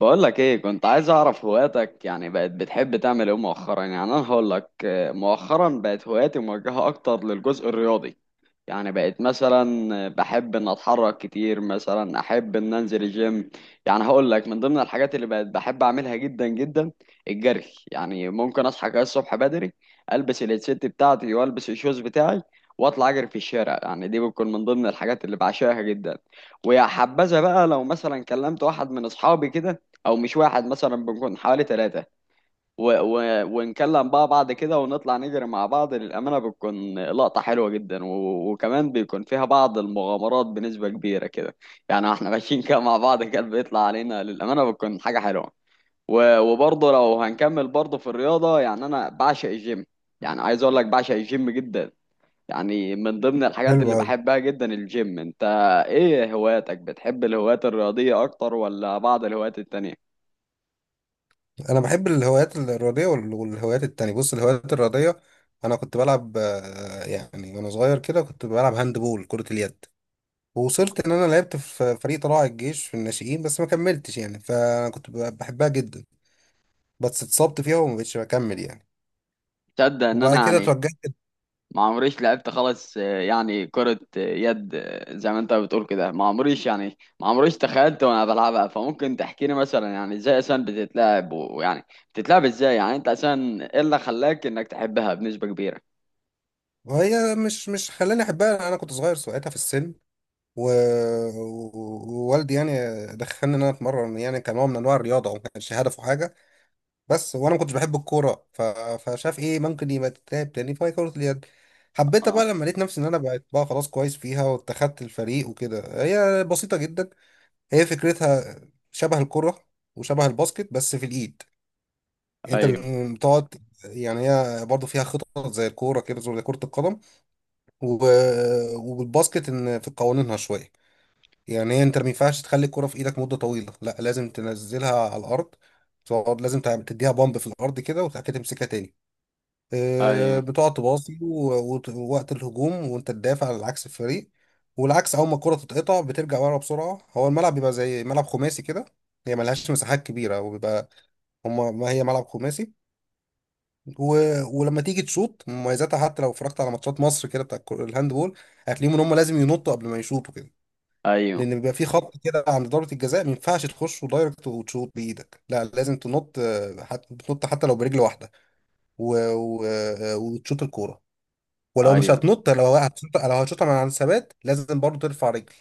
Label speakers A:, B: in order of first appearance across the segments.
A: بقول لك ايه، كنت عايز اعرف هواياتك. يعني بقت بتحب تعمل ايه مؤخرا؟ يعني انا هقول لك مؤخرا بقت هواياتي موجهة اكتر للجزء الرياضي. يعني بقيت مثلا بحب ان اتحرك كتير، مثلا احب ان انزل الجيم. يعني هقول لك من ضمن الحاجات اللي بقيت بحب اعملها جدا جدا، الجري. يعني ممكن اصحى كده الصبح بدري، البس الهيدسيت بتاعتي والبس الشوز بتاعي واطلع اجري في الشارع. يعني دي بتكون من ضمن الحاجات اللي بعشقها جدا. ويا حبذا بقى لو مثلا كلمت واحد من اصحابي كده، او مش واحد، مثلا بنكون حوالي ثلاثة ونكلم بقى بعض كده ونطلع نجري مع بعض. للأمانة بتكون لقطة حلوة جدا، وكمان بيكون فيها بعض المغامرات بنسبة كبيرة كده. يعني احنا ماشيين كده مع بعض كده، بيطلع علينا. للأمانة بتكون حاجة حلوة. وبرضه لو هنكمل برضه في الرياضة، يعني أنا بعشق الجيم. يعني عايز أقول لك بعشق الجيم جدا. يعني من ضمن الحاجات
B: حلو
A: اللي
B: أوي.
A: بحبها جدا الجيم. انت ايه هواياتك؟ بتحب الهوايات الرياضية اكتر ولا بعض الهوايات التانية؟
B: أنا بحب الهوايات الرياضية والهوايات التانية. بص، الهوايات الرياضية، أنا كنت بلعب، يعني وأنا صغير كده كنت بلعب هاند بول، كرة اليد. ووصلت إن أنا لعبت في فريق طلائع الجيش في الناشئين، بس ما كملتش يعني، فأنا كنت بحبها جدا، بس اتصبت فيها وما بقتش بكمل يعني.
A: تصدق ان انا
B: وبعد كده
A: يعني
B: اتوجهت.
A: ما عمريش لعبت خالص يعني كرة يد، زي ما انت بتقول كده. ما عمريش يعني، ما عمريش تخيلت وانا بلعبها. فممكن تحكي لي مثلا، يعني ازاي اصلا بتتلعب؟ ويعني بتتلعب ازاي؟ يعني انت اصلا ايه اللي خلاك انك تحبها بنسبة كبيرة؟
B: وهي مش خلاني أحبها، أنا كنت صغير ساعتها في السن، و... ووالدي يعني دخلني إن أنا أتمرن يعني كنوع من أنواع الرياضة، وما كانش هدفه حاجة. بس وانا ما كنتش بحب الكوره، فشاف ايه ممكن يبقى تتلعب تاني، فهي كره اليد. حبيتها
A: اه.
B: بقى لما لقيت نفسي ان انا بقيت بقى خلاص كويس فيها واتخدت الفريق وكده. هي بسيطه جدا، هي فكرتها شبه الكره وشبه الباسكت، بس في الايد. انت
A: ايوه،
B: بتقعد، يعني هي برضه فيها خطط زي الكوره كده، زي كره القدم و... والباسكت، ان في قوانينها شويه. يعني هي انت ما ينفعش تخلي الكره في ايدك مده طويله، لا لازم تنزلها على الارض. تقعد لازم تديها بامب في الارض كده، وبعد كده تمسكها تاني.
A: ايوه،
B: بتقعد تباصي ووقت الهجوم وانت تدافع على عكس الفريق، والعكس اول ما الكرة تتقطع بترجع ورا بسرعة. هو الملعب بيبقى زي ملعب خماسي كده، هي ملهاش مساحات كبيرة، وبيبقى ما هي ملعب خماسي. و... ولما تيجي تشوط، مميزاتها حتى لو اتفرجت على ماتشات مصر كده بتاع الهاندبول، هتلاقيهم ان هما لازم ينطوا قبل ما يشوطوا كده،
A: ايوه،
B: لان بيبقى في خط كده عند ضربة الجزاء. ما ينفعش تخش دايركت وتشوط بايدك، لا لازم تنط، بتنط حتى لو برجل واحدة و... و... آه، وتشوط الكورة. ولو مش
A: ايوه.
B: هتنط، لو هتشوطها من على الثبات لازم برضه ترفع رجل.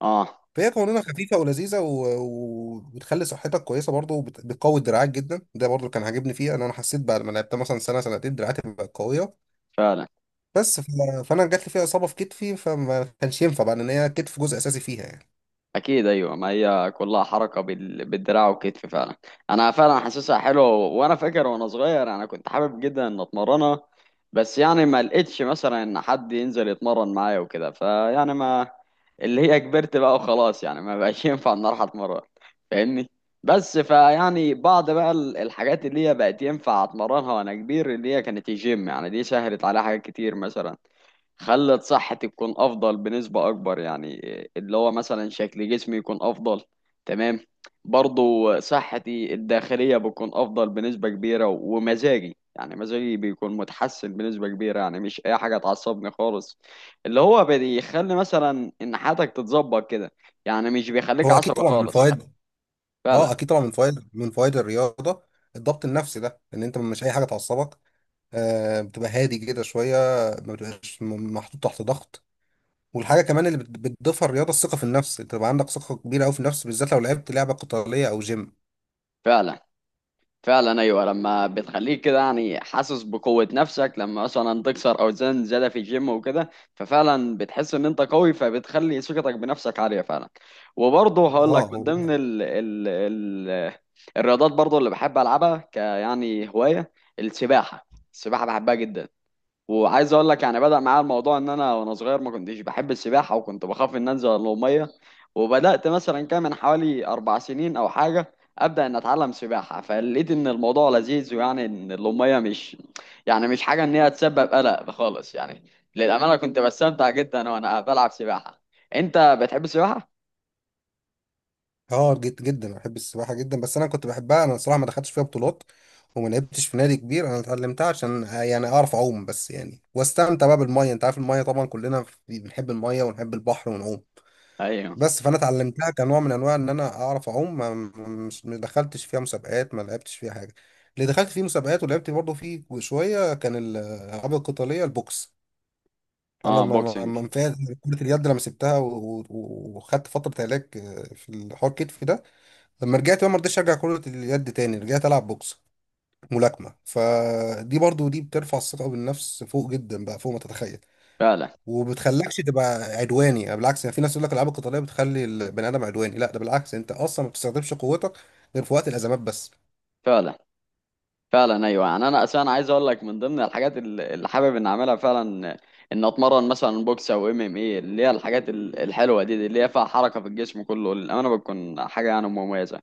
A: اه.
B: فهي قوانينها خفيفه ولذيذه، وبتخلي صحتك كويسه برضه، بتقوي دراعك جدا. ده برضه كان عاجبني فيها، ان انا حسيت بعد ما لعبتها مثلا سنه سنتين دراعاتي بقت قويه.
A: فعلا.
B: بس فانا جات لي فيها اصابه في كتفي، فما كانش ينفع بقى، ان هي كتف جزء اساسي فيها يعني.
A: اكيد، ايوه، ما هي كلها حركه بالدراع والكتف فعلا. انا فعلا حاسسها حلوه، و- وانا فاكر وانا صغير انا كنت حابب جدا ان اتمرنها. بس يعني ما لقيتش مثلا ان حد ينزل يتمرن معايا وكده، فيعني ما. اللي هي كبرت بقى وخلاص، يعني ما بقاش ينفع ان اروح اتمرن. فاهمني؟ بس فيعني بعض بقى الحاجات اللي هي بقت ينفع اتمرنها وانا كبير، اللي هي كانت الجيم. يعني دي سهلت عليها حاجات كتير مثلا، خلت صحتي تكون افضل بنسبة اكبر، يعني اللي هو مثلا شكل جسمي يكون افضل. تمام. برضو صحتي الداخلية بتكون افضل بنسبة كبيرة، ومزاجي، يعني مزاجي بيكون متحسن بنسبة كبيرة. يعني مش اي حاجة تعصبني خالص، اللي هو بيخلي مثلا ان حياتك تتظبط كده. يعني مش بيخليك
B: هو اكيد
A: عصبي
B: طبعا من
A: خالص.
B: فوائد، اه
A: فعلا.
B: اكيد طبعا من فوائد الرياضه، الضبط النفسي ده، ان انت مش اي حاجه تعصبك، بتبقى هادي كده شويه، ما بتبقاش محطوط تحت ضغط. والحاجه كمان اللي بتضيفها الرياضه، الثقه في النفس. انت بقى عندك ثقه كبيره قوي في النفس، بالذات لو لعبت لعبه قتاليه او جيم.
A: فعلا. فعلا، ايوه. لما بتخليك كده يعني حاسس بقوه نفسك، لما مثلا تكسر اوزان زياده في الجيم وكده، ففعلا بتحس ان انت قوي، فبتخلي ثقتك بنفسك عاليه فعلا. وبرضه هقول لك
B: اه
A: من
B: و-
A: ضمن ال ال ال الرياضات برضه اللي بحب العبها ك يعني هوايه، السباحه. السباحه بحبها جدا. وعايز اقول لك يعني، بدأ معايا الموضوع ان انا وانا صغير ما كنتش بحب السباحه، وكنت بخاف ان انزل الميه. وبدأت مثلا، كان من حوالي 4 سنين او حاجه، ابدأ ان اتعلم سباحه. فلقيت ان الموضوع لذيذ، ويعني ان الميه مش، يعني مش حاجه ان هي تسبب قلق خالص يعني. للامانه كنت بستمتع جدا وانا بلعب سباحه. انت بتحب السباحه؟
B: اه جد جدا، أنا بحب السباحه جدا، بس انا كنت بحبها. انا الصراحه ما دخلتش فيها بطولات وما لعبتش في نادي كبير، انا اتعلمتها عشان يعني اعرف اعوم بس يعني، واستمتع بقى بالميه. انت عارف الميه طبعا، كلنا بنحب الميه ونحب البحر ونعوم.
A: ايوه.
B: بس فانا اتعلمتها كنوع من انواع ان انا اعرف اعوم، ما دخلتش فيها مسابقات، ما لعبتش فيها حاجه. اللي دخلت فيه مسابقات ولعبت برضه فيه شويه كان الالعاب القتاليه، البوكس. انا
A: اه،
B: ما ما
A: بوكسنج.
B: ما نفعت. كرة اليد لما سبتها وخدت فترة علاج، في الحوار كتف ده. لما رجعت بقى ما رضيتش ارجع كرة اليد تاني، رجعت العب بوكس، ملاكمة. فدي برضو دي بترفع الثقة بالنفس فوق جدا بقى، فوق ما تتخيل.
A: فعلا.
B: وبتخلكش تبقى عدواني، يعني بالعكس. يعني في ناس يقول لك الالعاب القتالية بتخلي البني ادم عدواني، لا ده بالعكس، انت اصلا ما بتستخدمش قوتك غير في وقت الازمات بس.
A: فعلا، فعلا ايوه. يعني انا اساسا عايز اقول لك، من ضمن الحاجات اللي حابب ان اعملها فعلا، ان اتمرن مثلا بوكس او MMA، اللي هي الحاجات الحلوه دي اللي هي فيها حركه في الجسم كله، للامانه بتكون حاجه يعني مميزه.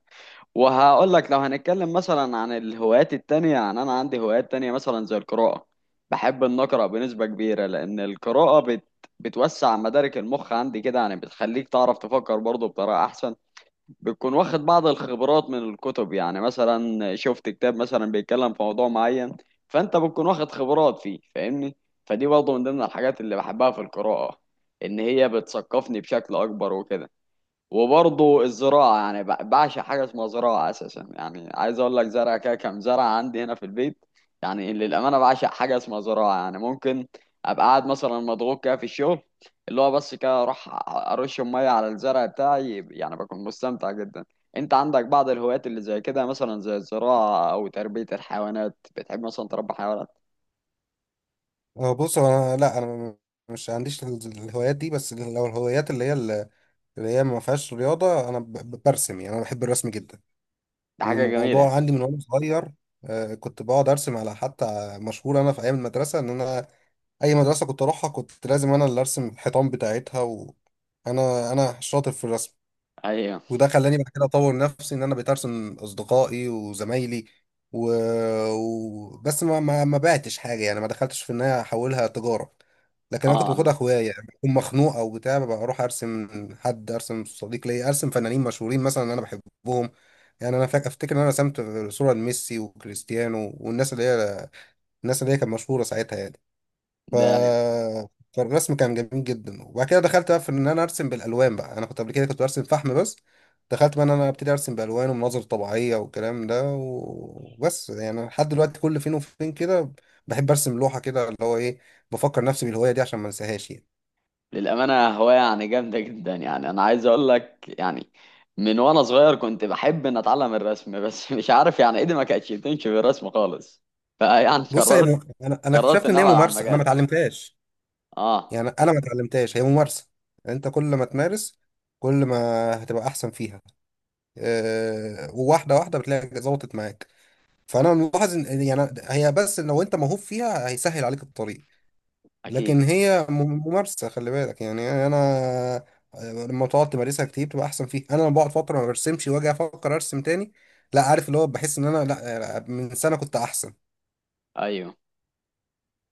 A: وهقول لك لو هنتكلم مثلا عن الهوايات التانية، يعني انا عندي هوايات تانية مثلا زي القراءه. بحب ان اقرا بنسبه كبيره، لان القراءه بتوسع مدارك المخ عندي كده. يعني بتخليك تعرف تفكر برضه بطريقه احسن، بتكون واخد بعض الخبرات من الكتب. يعني مثلا شفت كتاب مثلا بيتكلم في موضوع معين، فانت بتكون واخد خبرات فيه، فاهمني؟ فدي برضه من ضمن الحاجات اللي بحبها في القراءة، ان هي بتثقفني بشكل اكبر وكده. وبرضه الزراعة، يعني بعشق حاجة اسمها زراعة أساسا. يعني عايز أقول لك، زرع كده، كام زرع عندي هنا في البيت. يعني للأمانة بعشق حاجة اسمها زراعة. يعني ممكن أبقى قاعد مثلا مضغوط كده في الشغل، اللي هو بس كده أروح أرش المية على الزرع بتاعي، يعني بكون مستمتع جدا. أنت عندك بعض الهوايات اللي زي كده مثلا، زي الزراعة أو تربية الحيوانات؟ بتحب مثلا تربي حيوانات؟
B: بص انا، لا انا مش عنديش الهوايات دي. بس لو الهوايات اللي هي ما فيهاش رياضة، أنا برسم، يعني أنا بحب الرسم جدا.
A: دي حاجة
B: والموضوع
A: جميلة.
B: عندي من وأنا صغير، كنت بقعد أرسم على حتى. مشهور أنا في أيام المدرسة إن أنا أي مدرسة كنت أروحها كنت لازم أنا اللي أرسم الحيطان بتاعتها، وأنا شاطر في الرسم.
A: أيوه.
B: وده خلاني بعد كده اطور نفسي ان انا بقيت ارسم اصدقائي وزمايلي، و... بس ما بعتش حاجه يعني، ما دخلتش في ان انا احولها تجاره، لكن انا كنت
A: أه.
B: باخدها هوايه. يعني بكون مخنوق او بتاع، ببقى اروح ارسم حد، ارسم صديق ليا، ارسم فنانين مشهورين مثلا انا بحبهم. يعني انا افتكر ان انا رسمت صوره لميسي وكريستيانو، والناس اللي هي كانت مشهوره ساعتها يعني. ف...
A: ده.
B: فالرسم كان جميل جدا، وبعد كده دخلت بقى في ان انا ارسم بالالوان بقى. انا كنت قبل كده كنت برسم فحم بس، دخلت بقى ان انا ابتدي ارسم بالوان ومناظر طبيعيه والكلام ده، وبس يعني لحد دلوقتي كل فين وفين كده بحب ارسم لوحه كده، اللي هو ايه، بفكر نفسي بالهوايه دي عشان ما انساهاش يعني.
A: للأمانة هواية يعني جامدة جدا. يعني أنا عايز أقول لك يعني، من وأنا صغير كنت بحب إن أتعلم الرسم، بس مش عارف يعني، إيدي ما كانتش بتمشي في الرسم خالص. فيعني
B: بص،
A: قررت
B: انا
A: قررت
B: اكتشفت
A: إن
B: ان هي
A: أبعد عن
B: ممارسه، انا ما
A: المجال.
B: اتعلمتهاش.
A: أه.
B: يعني انا ما اتعلمتهاش، هي ممارسه، انت كل ما تمارس كل ما هتبقى احسن فيها. وواحده واحده بتلاقي ظبطت معاك. فانا ملاحظ ان يعني هي بس لو انت موهوب فيها هيسهل عليك الطريق،
A: أكيد.
B: لكن هي ممارسه. خلي بالك يعني انا، لما تقعد تمارسها كتير بتبقى احسن فيها. انا لما بقعد فتره ما برسمش واجي افكر ارسم تاني، لا عارف، اللي هو بحس ان انا لا من سنه كنت احسن.
A: أيوه.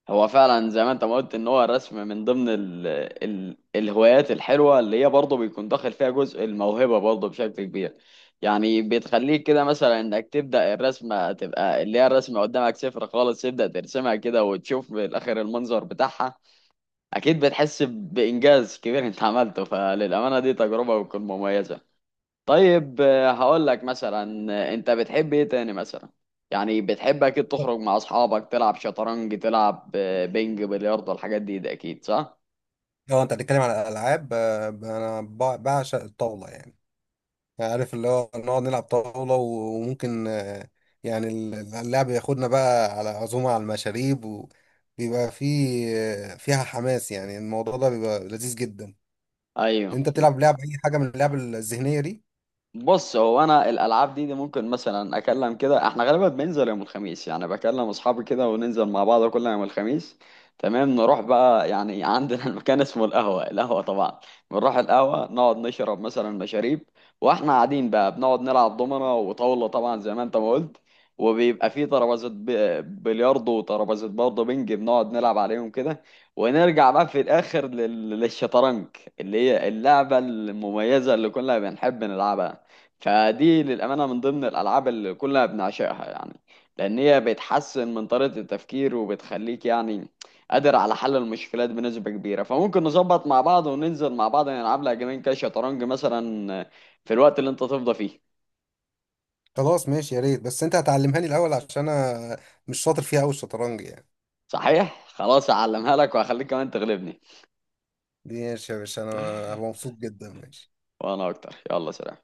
A: هو فعلا زي ما انت ما قلت، ان هو الرسم من ضمن ال ال الهوايات الحلوه، اللي هي برضه بيكون داخل فيها جزء الموهبه برضه بشكل كبير. يعني بتخليك كده مثلا انك تبدا الرسمه، تبقى اللي هي الرسمه قدامك صفر خالص، تبدا ترسمها كده وتشوف بالاخر المنظر بتاعها. اكيد بتحس بانجاز كبير انت عملته، فللامانه دي تجربه بتكون مميزه. طيب، هقول لك مثلا، انت بتحب ايه تاني مثلا؟ يعني بتحب اكيد تخرج مع اصحابك تلعب شطرنج، تلعب بينج، بلياردو، الحاجات دي، ده اكيد صح؟
B: لو انت بتتكلم على الالعاب، انا بعشق الطاوله يعني. يعني عارف اللي هو نقعد نلعب طاولة، وممكن يعني اللعب ياخدنا بقى على عزومة على المشاريب، وبيبقى فيها حماس، يعني الموضوع ده بيبقى لذيذ جدا.
A: ايوه.
B: انت بتلعب اي حاجة من اللعب الذهنية دي؟
A: بص هو انا الالعاب دي، ممكن مثلا اكلم كده، احنا غالبا بننزل يوم الخميس، يعني بكلم اصحابي كده وننزل مع بعض كل يوم الخميس. تمام. نروح بقى، يعني عندنا المكان اسمه القهوة، القهوة طبعا. بنروح القهوة نقعد نشرب مثلا مشاريب، واحنا قاعدين بقى بنقعد نلعب دومنة وطاولة طبعا زي ما انت ما قلت. وبيبقى فيه ترابيزة بلياردو وترابيزة برضه بنج، بنقعد نلعب عليهم كده. ونرجع بقى في الاخر للشطرنج، اللي هي اللعبة المميزة اللي كلنا بنحب نلعبها. فدي للأمانة من ضمن الألعاب اللي كلنا بنعشقها، يعني لأن هي بتحسن من طريقة التفكير، وبتخليك يعني قادر على حل المشكلات بنسبة كبيرة. فممكن نظبط مع بعض وننزل مع بعض نلعب لها جيمين كده شطرنج مثلا، في الوقت اللي أنت تفضى فيه.
B: خلاص ماشي، يا ريت، بس انت هتعلمها لي الاول عشان انا مش شاطر فيها قوي، الشطرنج يعني.
A: صحيح؟ خلاص، أعلمها لك وهخليك كمان تغلبني.
B: ماشي يا باشا، انا هبقى مبسوط جدا، ماشي.
A: وأنا أكتر. يلا، سلام.